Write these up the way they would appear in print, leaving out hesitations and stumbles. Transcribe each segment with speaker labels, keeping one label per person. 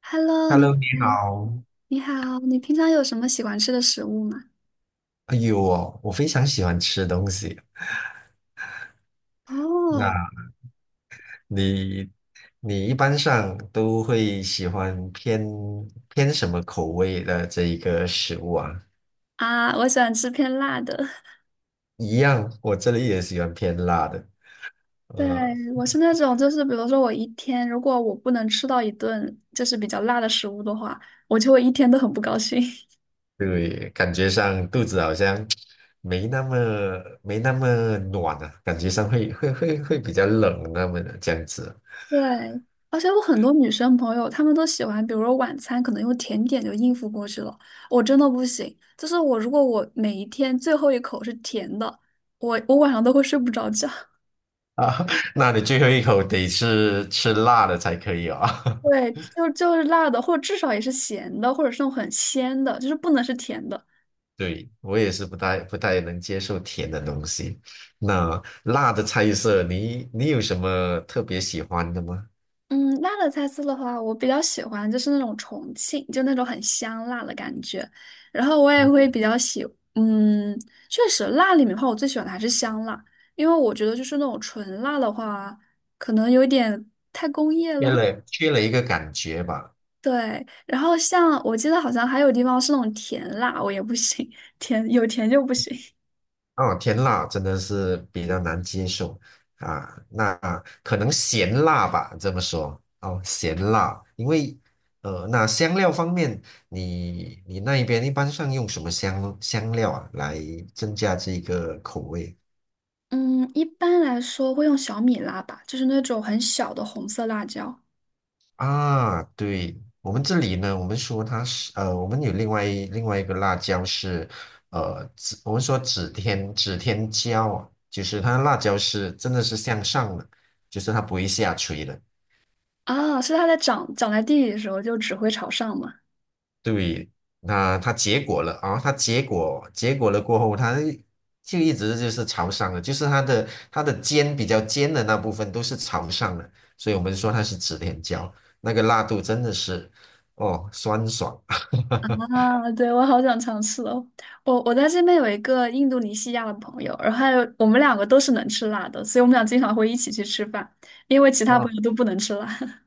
Speaker 1: Hello，你
Speaker 2: Hello,你
Speaker 1: 好，
Speaker 2: 好。
Speaker 1: 你好，你平常有什么喜欢吃的食物吗？
Speaker 2: 哎呦哦，我非常喜欢吃东西。那
Speaker 1: 哦，
Speaker 2: 你，你一般上都会喜欢偏什么口味的这一个食物啊？
Speaker 1: 啊，我喜欢吃偏辣的。
Speaker 2: 一样，我这里也喜欢偏辣的。
Speaker 1: 对，
Speaker 2: 呃，
Speaker 1: 我是那种，就是比如说我一天如果我不能吃到一顿就是比较辣的食物的话，我就会一天都很不高兴。
Speaker 2: 对，感觉上肚子好像没那么没那么暖啊，感觉上会比较冷那么的这样子
Speaker 1: 对，而且我很多女生朋友，她们都喜欢，比如说晚餐可能用甜点就应付过去了，我真的不行。就是我如果我每一天最后一口是甜的，我晚上都会睡不着觉。
Speaker 2: 啊。那你最后一口得是吃辣的才可以哦。
Speaker 1: 对，就是辣的，或者至少也是咸的，或者是那种很鲜的，就是不能是甜的。
Speaker 2: 对，我也是不太能接受甜的东西。那辣的菜色，你你有什么特别喜欢的吗？
Speaker 1: 嗯，辣的菜色的话，我比较喜欢就是那种重庆，就那种很香辣的感觉。然后我也
Speaker 2: 嗯，
Speaker 1: 会比较喜，嗯，确实辣里面的话，我最喜欢的还是香辣，因为我觉得就是那种纯辣的话，可能有点太工业
Speaker 2: 缺
Speaker 1: 了。
Speaker 2: 了缺了一个感觉吧。
Speaker 1: 对，然后像我记得好像还有地方是那种甜辣，我也不行，甜有甜就不行。
Speaker 2: 哦，甜辣真的是比较难接受啊。那可能咸辣吧，这么说哦，咸辣。因为那香料方面，你你那一边一般上用什么香料啊，来增加这个口味？
Speaker 1: 嗯，一般来说会用小米辣吧，就是那种很小的红色辣椒。
Speaker 2: 啊，对，我们这里呢，我们说它是我们有另外一个辣椒是指我们说指天椒啊，就是它的辣椒是真的是向上的，就是它不会下垂的。
Speaker 1: 啊，是它在长长在地里的时候就只会朝上嘛。
Speaker 2: 对，那它结果了啊，它结果了过后，它就一直就是朝上的，就是它的它的尖比较尖的那部分都是朝上的，所以我们说它是指天椒，那个辣度真的是哦酸爽。
Speaker 1: 啊，对，我好想尝试哦。我在这边有一个印度尼西亚的朋友，然后还有我们两个都是能吃辣的，所以我们俩经常会一起去吃饭，因为其他朋友都不能吃辣。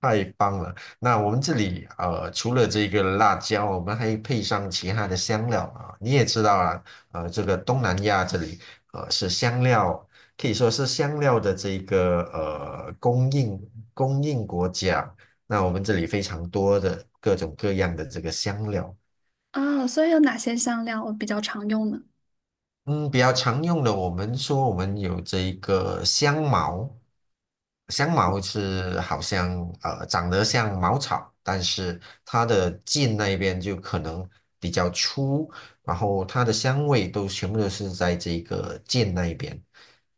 Speaker 2: 太棒了！那我们这里呃，除了这个辣椒，我们还配上其他的香料啊。你也知道啊，呃，这个东南亚这里呃是香料，可以说是香料的这个呃供应国家。那我们这里非常多的各种各样的这个香料，
Speaker 1: 啊，所以有哪些香料我比较常用呢？
Speaker 2: 嗯，比较常用的，我们说我们有这一个香茅，香茅是好像呃长得像茅草，但是它的茎那边就可能比较粗，然后它的香味都全部都是在这个茎那一边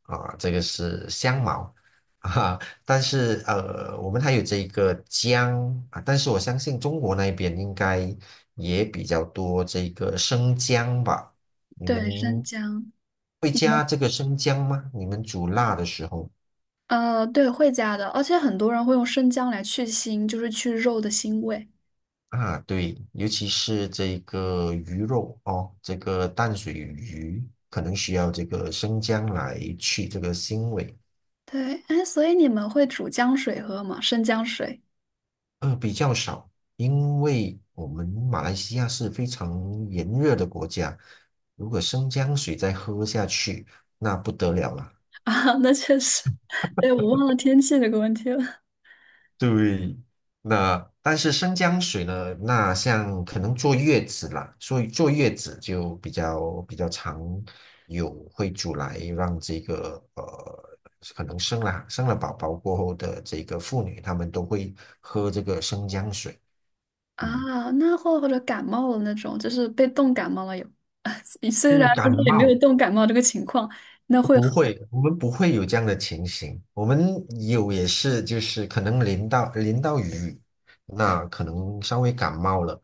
Speaker 2: 啊，这个是香茅啊。但是呃，我们还有这个姜啊，但是我相信中国那边应该也比较多这个生姜吧。你
Speaker 1: 对，生
Speaker 2: 们
Speaker 1: 姜。
Speaker 2: 会
Speaker 1: 你们
Speaker 2: 加这个生姜吗？你们煮辣的时候
Speaker 1: 呃，对，会加的，而且很多人会用生姜来去腥，就是去肉的腥味。
Speaker 2: 啊，对，尤其是这个鱼肉哦，这个淡水鱼可能需要这个生姜来去这个腥味，
Speaker 1: 对，哎，所以你们会煮姜水喝吗？生姜水。
Speaker 2: 呃，比较少，因为我们马来西亚是非常炎热的国家，如果生姜水再喝下去，那不得了了。
Speaker 1: 啊，那确实，对，我忘了天气这个问题了
Speaker 2: 对，那但是生姜水呢？那像可能坐月子啦，所以坐月子就比较常有会煮来让这个呃，可能生了宝宝过后的这个妇女，她们都会喝这个生姜水。嗯，
Speaker 1: 啊。那或者感冒了那种，就是被冻感冒了有，虽然
Speaker 2: 嗯，
Speaker 1: 不
Speaker 2: 感
Speaker 1: 知道有没有
Speaker 2: 冒
Speaker 1: 冻感冒这个情况，那会
Speaker 2: 不
Speaker 1: 喝
Speaker 2: 会，我们不会有这样的情形。我们有也是，就是可能淋到雨，那可能稍微感冒了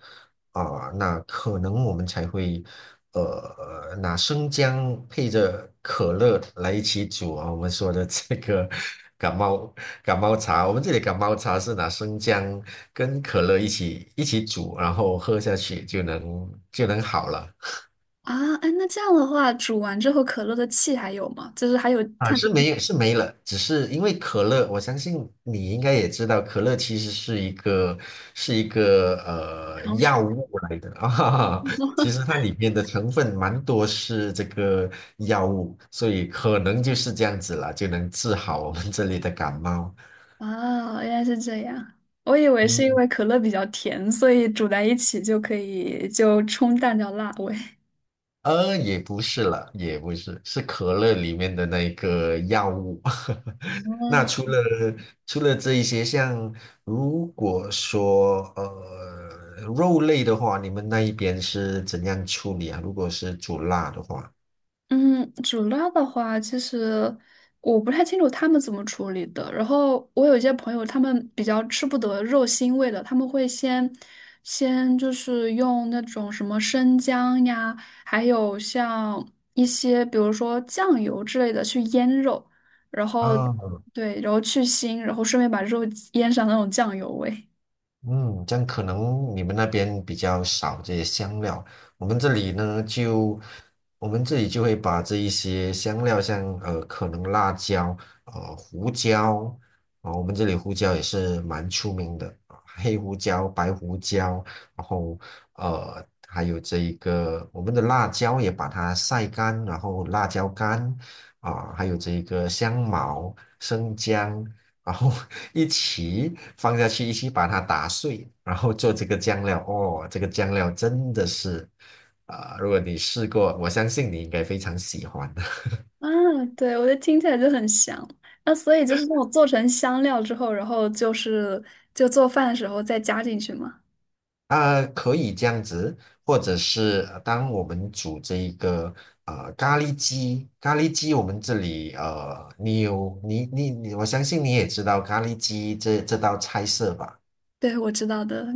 Speaker 2: 啊、那可能我们才会呃拿生姜配着可乐来一起煮啊。我们说的这个 感冒感冒茶，我们这里感冒茶是拿生姜跟可乐一起煮，然后喝下去就能好了。
Speaker 1: 啊。哎，那这样的话，煮完之后可乐的气还有吗？就是还有
Speaker 2: 啊，
Speaker 1: 碳
Speaker 2: 是没有，是没了，只是因为可乐，我相信你应该也知道，可乐其实是一个是一个呃
Speaker 1: 糖水。
Speaker 2: 药物来的啊，其实 它里面的成分蛮多是这个药物，所以可能就是这样子了，就能治好我们这里的感冒。
Speaker 1: 啊，原来是这样。我以为是因
Speaker 2: 嗯，
Speaker 1: 为可乐比较甜，所以煮在一起就可以就冲淡掉辣味。
Speaker 2: 也不是了，也不是，是可乐里面的那一个药物。那
Speaker 1: 哇。
Speaker 2: 除了这一些，像如果说呃肉类的话，你们那一边是怎样处理啊？如果是煮辣的话，
Speaker 1: 嗯，主料的话，其实我不太清楚他们怎么处理的。然后我有一些朋友，他们比较吃不得肉腥味的，他们会先就是用那种什么生姜呀，还有像一些比如说酱油之类的去腌肉，然后
Speaker 2: 啊。
Speaker 1: 对，然后去腥，然后顺便把肉腌上那种酱油味。
Speaker 2: 嗯，这样可能你们那边比较少这些香料，我们这里呢就，我们这里就会把这一些香料像，呃可能辣椒、呃胡椒啊、我们这里胡椒也是蛮出名的啊，黑胡椒、白胡椒，然后呃还有这一个我们的辣椒也把它晒干，然后辣椒干啊、还有这一个香茅、生姜然后 一起放下去，一起把它打碎，然后做这个酱料。哦，这个酱料真的是，啊、如果你试过，我相信你应该非常喜欢的。
Speaker 1: 啊，对，我觉得听起来就很香。那所以就是那种做成香料之后，然后就是就做饭的时候再加进去嘛。
Speaker 2: 啊、可以这样子，或者是呃当我们煮这一个呃咖喱鸡，咖喱鸡我们这里呃，你有你你你，我相信你也知道咖喱鸡这道菜色吧？
Speaker 1: 对，我知道的。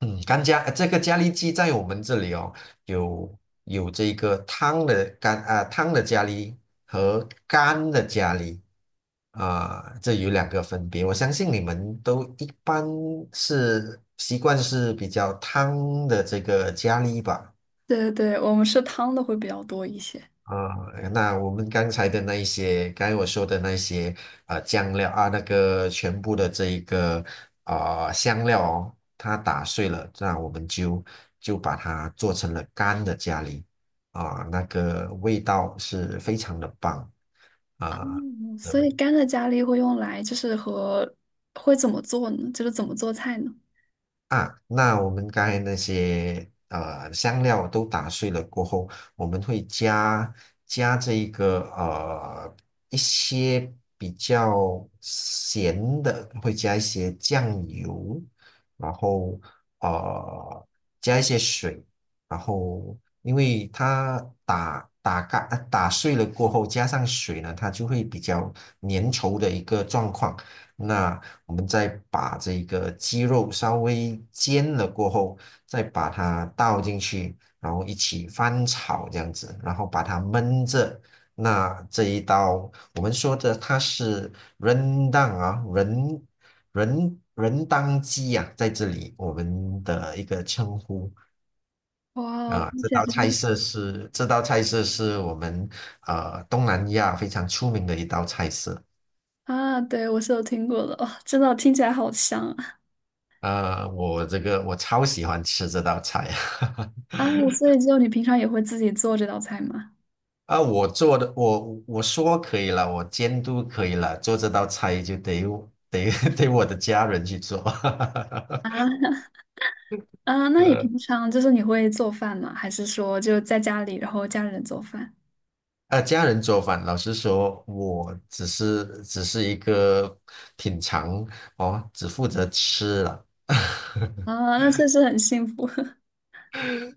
Speaker 2: 嗯，干加呃这个咖喱鸡在我们这里哦，有有这个汤的干啊、汤的咖喱和干的咖喱啊、这有两个分别。我相信你们都一般是习惯是比较汤的这个咖喱吧？
Speaker 1: 对对对，我们是汤的会比较多一些。
Speaker 2: 啊、那我们刚才的那一些，刚才我说的那些，呃，酱料啊，那个全部的这一个啊、呃香料哦，它打碎了，那我们就就把它做成了干的咖喱啊、那个味道是非常的棒啊、
Speaker 1: 嗯，
Speaker 2: 呃
Speaker 1: 所以干的咖喱会用来就是和会怎么做呢？就是怎么做菜呢？
Speaker 2: 啊，那我们刚才那些呃香料都打碎了过后，我们会加加这一个呃一些比较咸的，会加一些酱油，然后呃加一些水，然后因为它打打干呃打碎了过后，加上水呢，它就会比较粘稠的一个状况。那我们再把这个鸡肉稍微煎了过后，再把它倒进去，然后一起翻炒这样子，然后把它焖着。那这一道我们说的它是人当啊，人人当鸡啊，在这里我们的一个称呼
Speaker 1: 哇，
Speaker 2: 啊。
Speaker 1: 听
Speaker 2: 这
Speaker 1: 起来
Speaker 2: 道
Speaker 1: 真
Speaker 2: 菜
Speaker 1: 的
Speaker 2: 色是这道菜色是我们呃东南亚非常出名的一道菜色。
Speaker 1: 啊，对，我是有听过的，哦，真的听起来好香啊！
Speaker 2: 呃，我这个我超喜欢吃这道菜。
Speaker 1: 啊，所以就你平常也会自己做这道菜吗？
Speaker 2: 啊，我做的，我说可以了，我监督可以了，做这道菜就得得我的家人去做，
Speaker 1: 啊，那你
Speaker 2: 呃
Speaker 1: 平常就是你会做饭吗？还是说就在家里，然后家人做饭？
Speaker 2: 啊，家人做饭，老实说，我只是一个品尝哦，只负责吃了。
Speaker 1: 啊，那确实很幸福。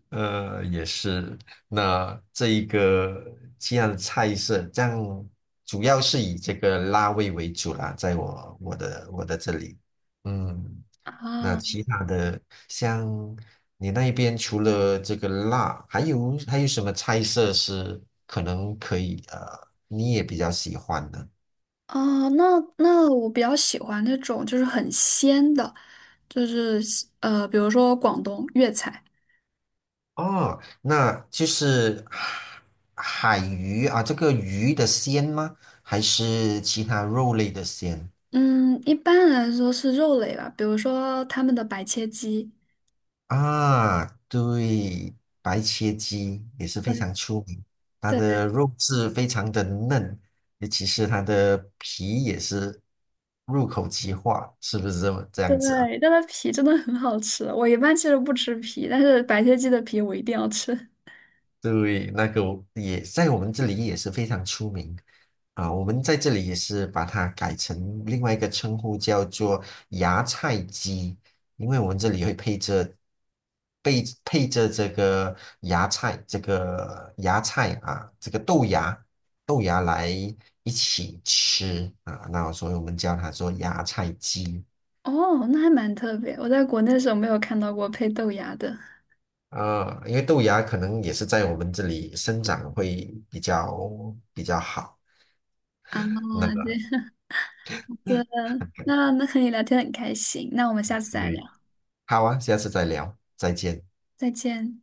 Speaker 2: 呃，也是。那这一个这样的菜色，这样主要是以这个辣味为主啦，在我的这里，嗯，那
Speaker 1: 啊
Speaker 2: 其他的像你那边除了这个辣，还有什么菜色是可能可以呃，你也比较喜欢的？
Speaker 1: 啊！那我比较喜欢那种就是很鲜的，就是呃，比如说广东粤菜，
Speaker 2: 哦，那就是海鱼啊，这个鱼的鲜吗？还是其他肉类的鲜？
Speaker 1: 嗯，一般来说是肉类吧，比如说他们的白切鸡，
Speaker 2: 啊，对，白切鸡也是非常
Speaker 1: 对
Speaker 2: 出名，它
Speaker 1: 对
Speaker 2: 的肉质非常的嫩，尤其是它的皮也是入口即化，是不是这么这
Speaker 1: 对，
Speaker 2: 样子啊？
Speaker 1: 但它皮真的很好吃。我一般其实不吃皮，但是白切鸡的皮我一定要吃。
Speaker 2: 对，那个我也在我们这里也是非常出名啊，我们在这里也是把它改成另外一个称呼，叫做芽菜鸡，因为我们这里会配着配着这个芽菜，这个芽菜啊，这个豆芽来一起吃啊，那所以我们叫它做芽菜鸡。
Speaker 1: 哦，那还蛮特别。我在国内的时候没有看到过配豆芽的
Speaker 2: 呃，因为豆芽可能也是在我们这里生长会比较好。
Speaker 1: 啊，
Speaker 2: 那个。
Speaker 1: 这样的。那和你聊天很开心，那我们下次再聊，
Speaker 2: 对，好啊，下次再聊，再见。
Speaker 1: 再见。